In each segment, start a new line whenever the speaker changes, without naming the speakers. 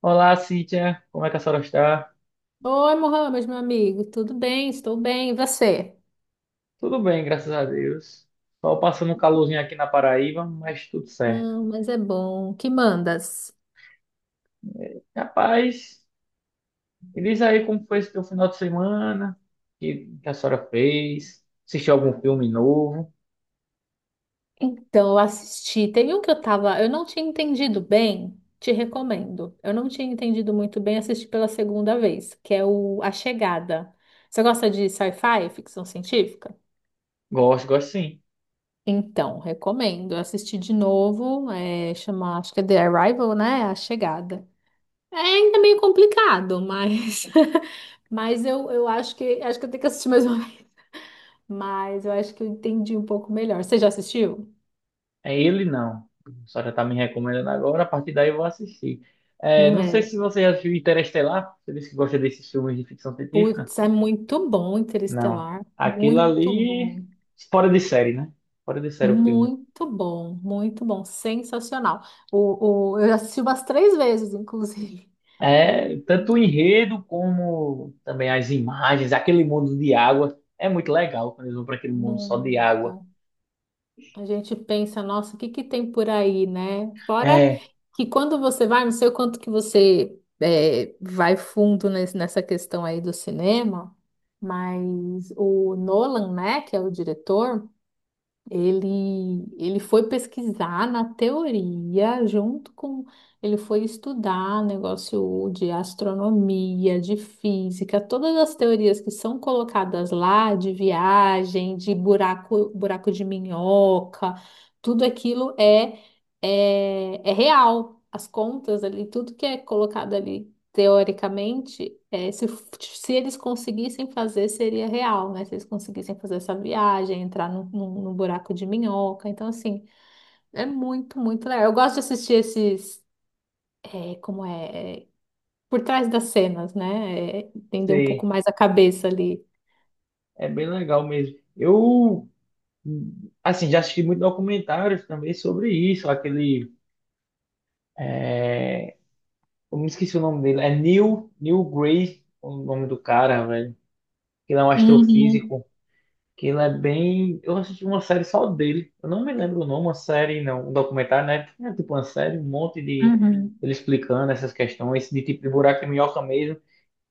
Olá, Cíntia. Como é que a senhora está?
Oi, Mohamed, meu amigo, tudo bem? Estou bem, e você?
Tudo bem, graças a Deus. Só passando um calorzinho aqui na Paraíba, mas tudo certo.
Ah, mas é bom. Que mandas?
Rapaz, me diz aí como foi esse teu final de semana, que a senhora fez, assistiu algum filme novo?
Então, eu assisti. Tem um que eu tava, eu não tinha entendido bem, te recomendo. Eu não tinha entendido muito bem, assisti pela segunda vez, que é o A Chegada. Você gosta de sci-fi, ficção científica?
Gosto, gosto sim.
Então, recomendo. Eu assisti de novo, é, chama, acho que é The Arrival, né? A Chegada. É ainda meio complicado, mas mas eu acho que eu tenho que assistir mais uma mas eu acho que eu entendi um pouco melhor. Você já assistiu?
É ele não. A senhora está me recomendando agora, a partir daí eu vou assistir. É, não sei
É.
se você já viu Interestelar, você disse que gosta desses filmes de ficção científica?
Putz, é muito bom
Não.
Interestelar.
Aquilo
Muito bom.
ali, fora de série, né? Fora de série o filme.
Muito bom. Muito bom. Sensacional. Eu assisti umas três vezes, inclusive.
É,
É,
tanto o enredo como também as imagens, aquele mundo de água. É muito legal quando eles vão para aquele mundo só de água.
muito. A gente pensa, nossa, o que que tem por aí, né? Fora
É,
que quando você vai, não sei o quanto que vai fundo nessa questão aí do cinema, mas o Nolan, né, que é o diretor. Ele foi pesquisar na teoria, junto com. Ele foi estudar negócio de astronomia, de física, todas as teorias que são colocadas lá, de viagem, de buraco, buraco de minhoca, tudo aquilo é real. As contas ali, tudo que é colocado ali teoricamente, se eles conseguissem fazer, seria real, né? Se eles conseguissem fazer essa viagem, entrar num buraco de minhoca. Então, assim, é muito, muito legal. Eu gosto de assistir esses, é, como é, é, por trás das cenas, né? É, entender um pouco
sei,
mais a cabeça ali.
é bem legal mesmo. Eu, assim, já assisti muitos documentários também sobre isso. Aquele, é, eu me esqueci o nome dele, é Neil, Neil Gray, o nome do cara, velho. Que ele é um
Uhum,
astrofísico. Que ele é bem. Eu assisti uma série só dele. Eu não me lembro o nome, uma série, não. Um documentário, né? Tinha tipo uma série, um monte de.
uhum,
Ele explicando essas questões, de tipo de buraco e minhoca mesmo.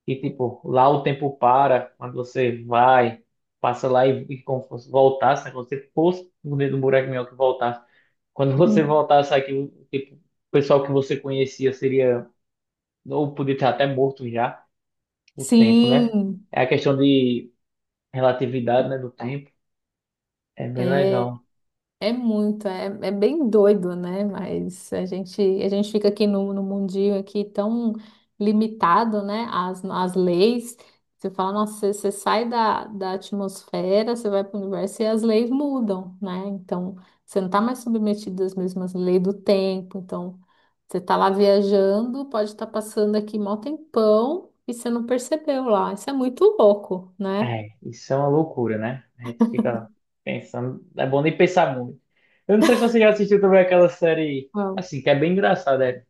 E tipo, lá o tempo para, quando você vai, passa lá e como se fosse voltasse, né? Quando você fosse dentro do buraco e minhoca e voltasse. Quando você
uhum.
voltasse aqui, o- tipo, o pessoal que você conhecia seria. Ou podia estar até morto já, o tempo, né?
Sim,
É a questão de relatividade, né? Do tempo. É bem
é.
legal.
É muito, é bem doido, né? Mas a gente fica aqui no mundinho aqui tão limitado, né? As leis. Você fala, nossa, você sai da atmosfera, você vai para o universo e as leis mudam, né? Então, você não está mais submetido às mesmas leis do tempo. Então, você está lá viajando, pode estar passando aqui mó tempão e você não percebeu lá. Isso é muito louco, né?
É, isso é uma loucura, né? A gente fica pensando. É bom nem pensar muito. Eu não sei se você já assistiu também aquela série, assim, que é bem engraçada, é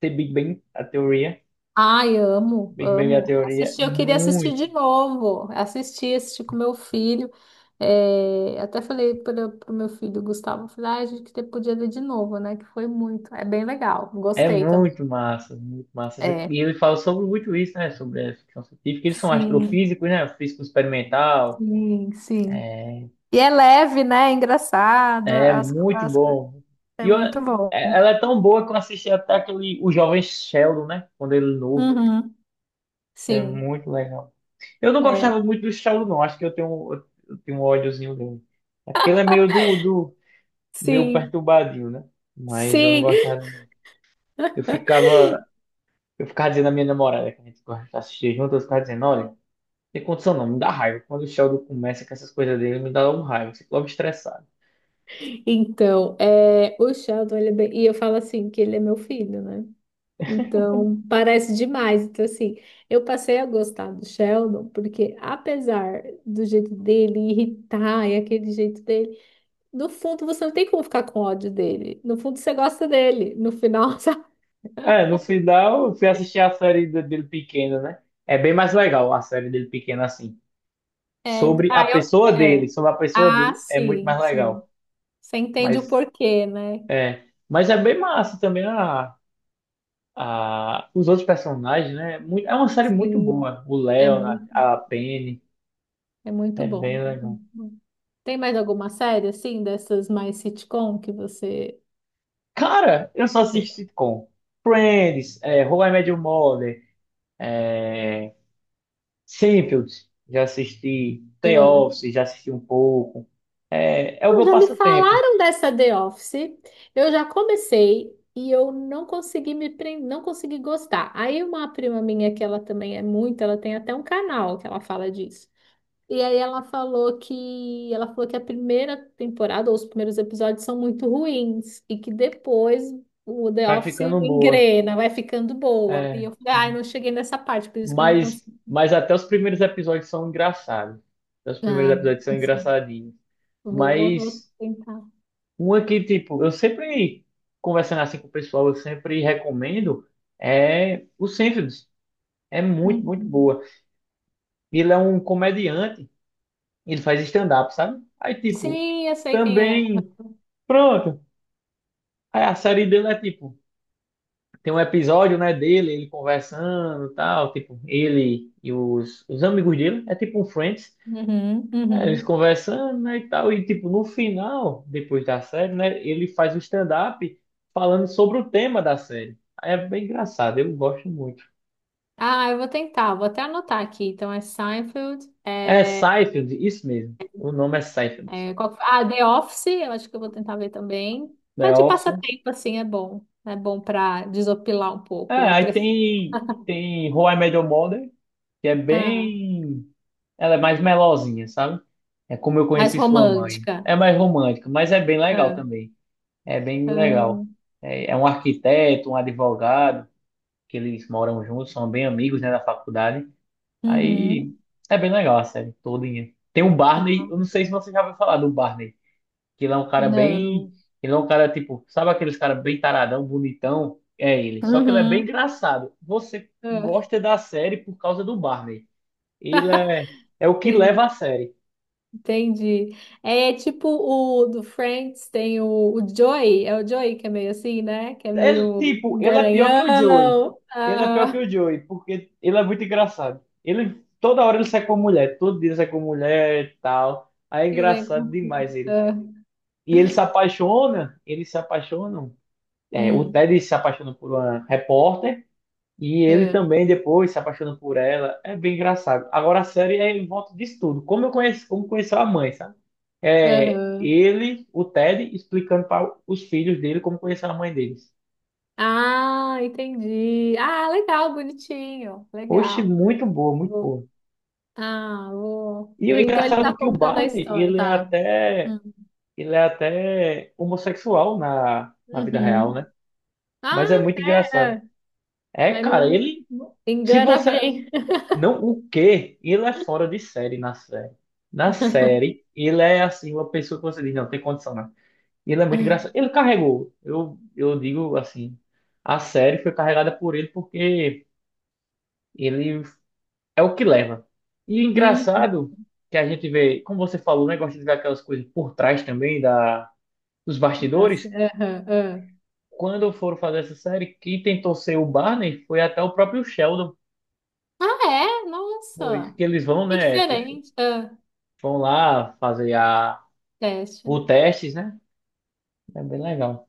The Big Bang, a teoria.
Ai, amo,
Big Bang, a
amo.
teoria,
Assisti, eu queria assistir de
muito.
novo. Assisti, assisti com meu filho. É, até falei para o meu filho Gustavo, falei, ai, a gente que podia ver de novo, né? Que foi muito. É bem legal.
É
Gostei também.
muito massa, muito massa.
É.
E ele fala sobre muito isso, né? Sobre a ficção científica. Eles são
Sim,
astrofísicos, né? Físico experimental.
sim, sim.
É,
E é leve, né? É engraçado.
é
As,
muito
as-
bom. E
é
eu- é-
muito bom.
ela é tão boa que eu assisti até aquele, o Jovem Sheldon, né? Quando ele é novo.
Uhum,
É
sim,
muito legal. Eu não
é.
gostava muito do Saulo, não. Acho que eu tenho um ódiozinho dele. É porque ele é meio do meio
Sim,
perturbadinho, né? Mas eu não
sim.
gostava. Eu ficava, eu ficava dizendo à minha namorada que a gente gosta de assistir junto, eu ficava dizendo, olha, não tem condição não, me dá raiva. Quando o Sheldon começa com essas coisas dele, me dá um raiva, eu fico logo estressado.
Então, é, o Sheldon, ele é bem- e eu falo assim que ele é meu filho, né? Então, parece demais. Então, assim, eu passei a gostar do Sheldon, porque apesar do jeito dele irritar e aquele jeito dele, no fundo você não tem como ficar com ódio dele. No fundo você gosta dele. No final, sabe?
É, no final eu fui assistir a série de- dele pequeno, né? É bem mais legal a série dele pequeno assim.
É, então-
Sobre a
ah, eu,
pessoa
é.
dele, sobre a pessoa
Ah,
dele é muito
sim,
mais
sim.
legal.
Você entende o
Mas
porquê, né?
é, mas é bem massa também os outros personagens, né? Muito- É uma série muito
Sim,
boa. O
é
Leonard,
muito,
a Penny,
é muito
é
bom.
bem
É
legal.
muito bom. Tem mais alguma série, assim, dessas mais sitcom que você...
Cara, eu só assisto sitcom. Friends, How I Met Your Mother, é, Seinfeld, já assisti. The
Ah.
Office, já assisti um pouco. É, é o meu
Já me
passatempo.
falaram dessa The Office, eu já comecei e eu não consegui me prender, não consegui gostar. Aí uma prima minha, que ela também é muito, ela tem até um canal que ela fala disso. E aí ela falou que a primeira temporada ou os primeiros episódios são muito ruins e que depois o The
Vai
Office
ficando boa.
engrena, vai ficando boa. E eu
É,
falei, ai, não cheguei nessa parte, por isso que eu não
mas,
consigo.
mas até os primeiros episódios são engraçados. Até os primeiros
Ah,
episódios são
assim,
engraçadinhos.
vou
Mas.
tentar.
Uma que, tipo, eu sempre, conversando assim com o pessoal, eu sempre recomendo é o Seinfeld. É muito, muito
Uhum.
boa. Ele é um comediante, ele faz stand-up, sabe? Aí, tipo,
Sim, eu sei quem é.
também, pronto. Aí a série dele é, tipo, tem um episódio, né, dele, ele conversando e tal, tipo, ele e os amigos dele, é tipo um Friends.
Uhum,
É, eles
uhum.
conversando, né, e tal, e tipo, no final, depois da série, né, ele faz o stand-up falando sobre o tema da série. Aí é bem engraçado, eu gosto muito.
Ah, eu vou tentar, vou até anotar aqui. Então é Seinfeld,
É
é,
Seinfeld, isso mesmo. O nome é Seinfeld.
é, qual que foi? Ah, The Office, eu acho que eu vou tentar ver também.
The
Tá de
Office.
passatempo, assim, é bom. É bom para desopilar um
É,
pouco a
aí
pressão.
tem, tem How I Met Your Mother, que é
Ah,
bem... Ela é mais melosinha, sabe? É como eu
mais
conheci sua mãe.
romântica.
É mais romântica, mas é bem legal
Ah,
também. É bem
ah,
legal. É, é um arquiteto, um advogado, que eles moram juntos, são bem amigos, né, da faculdade. Aí
uhum.
é bem legal a série todinha. Tem o
Ah,
Barney, eu não sei se você já ouviu falar do Barney, que ele é um cara bem,
não.
ele é um cara tipo, sabe aqueles cara bem taradão, bonitão? É ele, só que ele é bem
Uhum.
engraçado. Você
Ah,
gosta da série por causa do Barney. Ele é, é o que leva a série.
entendi. É é tipo o do Friends, tem o Joey, é o Joey que é meio assim, né? Que é
Ele,
meio
tipo, ele é pior que o Joey.
garanhão,
Ele é pior que
aham,
o Joey, porque ele é muito engraçado. Ele, toda hora ele sai com mulher, todo dia ele sai com mulher e tal. Aí é
e vem
engraçado
com.
demais ele.
Ah,
E ele se apaixona, eles se apaixonam. É, o
hum,
Ted se apaixona por uma repórter e ele
ah,
também depois se apaixona por ela. É bem engraçado. Agora a série é em volta disso tudo. Como eu conheço, como conheceu a mãe, sabe? É
aham.
ele, o Ted, explicando para os filhos dele como conheceu a mãe deles.
Ah, entendi. Ah, legal, bonitinho,
Oxe,
legal.
muito boa, muito
Vou-
boa.
ah, vou.
E o
Então ele tá
engraçado é que o
contando a
Barney,
história, tá? Hum.
ele é até homossexual na vida real,
Uhum.
né?
Ah,
Mas é muito
é,
engraçado.
é.
É,
Mas não,
cara, ele, se
engana
você,
bem.
não, o quê? Ele é fora de série na série. Na série, ele é assim, uma pessoa que você diz, não, tem condição, não. Ele é muito engraçado. Ele carregou, eu digo assim, a série foi carregada por ele porque ele é o que leva. E
Uhum.
engraçado que a gente vê, como você falou, né, gosta de ver aquelas coisas por trás também da, dos
Da
bastidores.
cer- aham, aham.
Quando foram fazer essa série, quem tentou ser o Barney foi até o próprio Sheldon.
Ah, é?
Foi
Nossa!
que eles vão,
Que
né, tipo,
diferente. Ah,
vão lá fazer a,
teste.
o testes, né? É bem legal.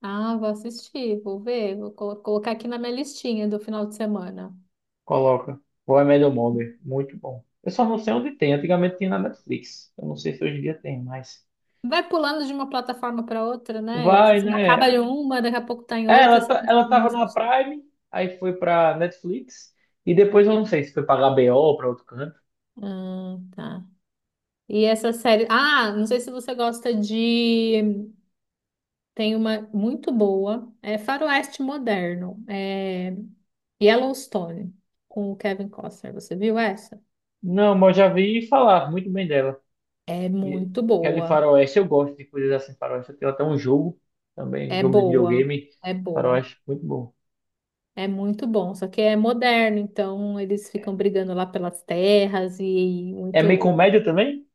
Ah, vou assistir, vou ver, colocar aqui na minha listinha do final de semana.
Coloca. How I Met Mother. Muito bom. Eu só não sei onde tem. Antigamente tinha na Netflix. Eu não sei se hoje em dia tem, mas...
Vai pulando de uma plataforma para outra, né? Você
Vai, né?
acaba em uma, daqui a pouco tá em
É,
outra,
ela,
você
ta-
não
ela
sabe
tava na
mais.
Prime, aí foi pra Netflix, e depois eu não sei se foi pra HBO ou pra outro canto.
Ah, tá. E essa série. Ah, não sei se você gosta de. Tem uma muito boa. É Faroeste Moderno. É Yellowstone, com o Kevin Costner. Você viu essa?
Não, mas eu já vi falar muito bem dela.
É
E
muito
que é de
boa.
faroeste, eu gosto de coisas assim, faroeste. Eu tenho até um jogo também,
É
jogo de
boa.
videogame,
É boa.
faroeste, muito bom.
É muito bom. Só que é moderno, então eles ficam brigando lá pelas terras e
É meio
muito.
comédia também?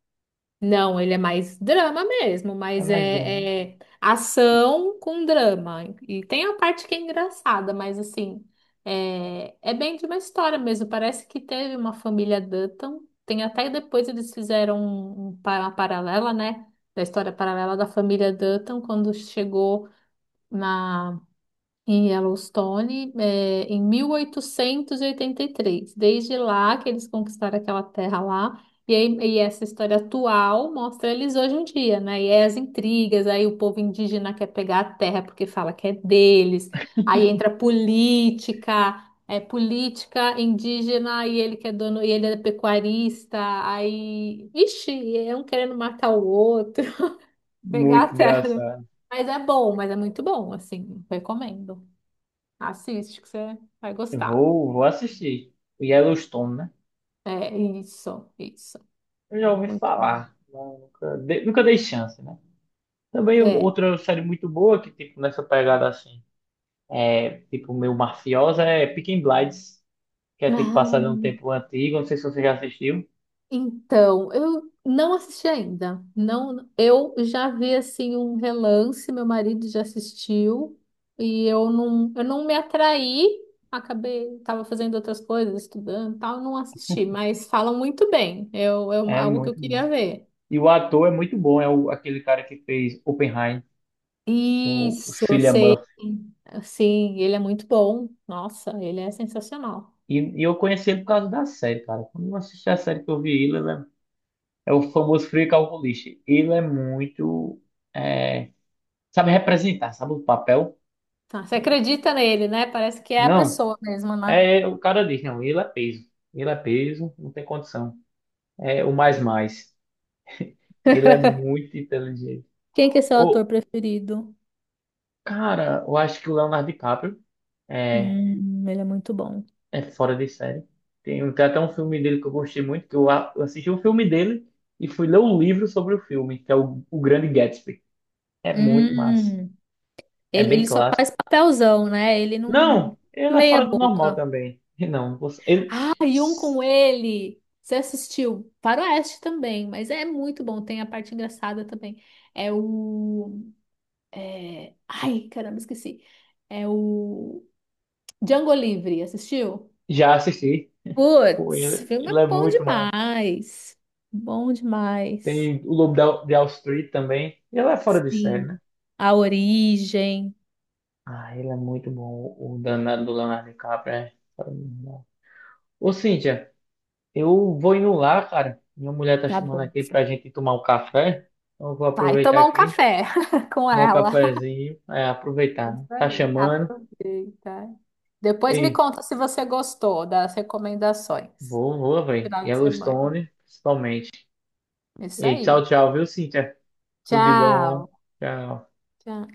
Não, ele é mais drama mesmo,
É
mas
mais drama.
é ação com drama. E tem a parte que é engraçada, mas assim, é, é bem de uma história mesmo. Parece que teve uma família Dutton. Tem até depois eles fizeram uma paralela, né? Da história paralela da família Dutton, quando chegou na em Yellowstone, eh, em 1883. Desde lá que eles conquistaram aquela terra lá. E, aí- e essa história atual mostra eles hoje em dia, né? E aí as intrigas, aí o povo indígena quer pegar a terra porque fala que é deles. Aí entra política, é política indígena e ele que é dono, e ele é pecuarista. Aí, vixe, é um querendo matar o outro, pegar a
Muito
terra.
engraçado.
Mas é bom, mas é muito bom, assim, recomendo. Assiste que você vai gostar.
Vou, vou assistir. O Yellowstone, né?
É isso, isso.
Eu já ouvi
Muito,
falar, mas nunca, dei- nunca dei chance, né? Também
é.
outra série muito boa que, tipo, nessa pegada assim. É, tipo, meu mafiosa, é Peaky Blinders, que é tipo
Ah,
passado em um tempo antigo, não sei se você já assistiu.
então, eu não assisti ainda. Não, eu já vi assim um relance, meu marido já assistiu e eu não me atraí. Acabei, estava fazendo outras coisas, estudando, e tal, não assisti, mas falam muito bem. Eu, é uma-
É
algo que eu
muito
queria
bom.
ver.
E o ator é muito bom, é o, aquele cara que fez Oppenheim, o
Isso,
Cillian Murphy.
sim, ele é muito bom. Nossa, ele é sensacional.
E eu conheci ele por causa da série, cara. Quando eu assisti a série que eu vi ele, ele é, é o famoso frio calculista. Ele é muito. É, sabe representar, sabe o papel?
Tá, você acredita nele, né? Parece que é a
Não,
pessoa mesmo, né?
é o cara diz, não, ele é peso. Ele é peso, não tem condição. É o mais mais. Ele é muito inteligente.
Quem que é seu
Ô,
ator preferido?
cara, eu acho que o Leonardo DiCaprio é,
Ele é muito bom.
é fora de série. Tem, tem até um filme dele que eu gostei muito, que eu a- eu assisti o filme dele e fui ler o livro sobre o filme, que é o Grande Gatsby. É muito massa.
Hum,
É bem
ele só
clássico.
faz papelzão, né? Ele não...
Não, ele é
Meia
fora do normal
boca.
também. E não, você- ele
Ah, e um com ele! Você assistiu? Faroeste também, mas é muito bom. Tem a parte engraçada também. É o... é, ai, caramba, esqueci. É o... Django Livre, assistiu?
já assisti. Pô,
Putz,
ele,
filme
ele
é
é
bom
muito massa.
demais. Bom demais.
Tem o Lobo da- de Wall Street também. Ele é fora de série,
Sim.
né?
A origem.
Ah, ele é muito bom. O danado do Leonardo DiCaprio é fora do normal. Ô, Cíntia. Eu vou indo lá, cara. Minha mulher tá
Tá
chamando
bom.
aqui pra gente tomar um café. Então eu vou
Vai
aproveitar
tomar um
aqui,
café com
tomar um
ela.
cafezinho. É, aproveitar, né?
Isso
Tá
aí.
chamando.
Aproveita. Depois me
E
conta se você gostou das recomendações.
Vou, velho.
Final de semana.
Yellowstone, principalmente.
Isso
E tchau,
aí.
tchau, viu, Cíntia? Tudo de
Tchau.
bom. Tchau.
Tchau.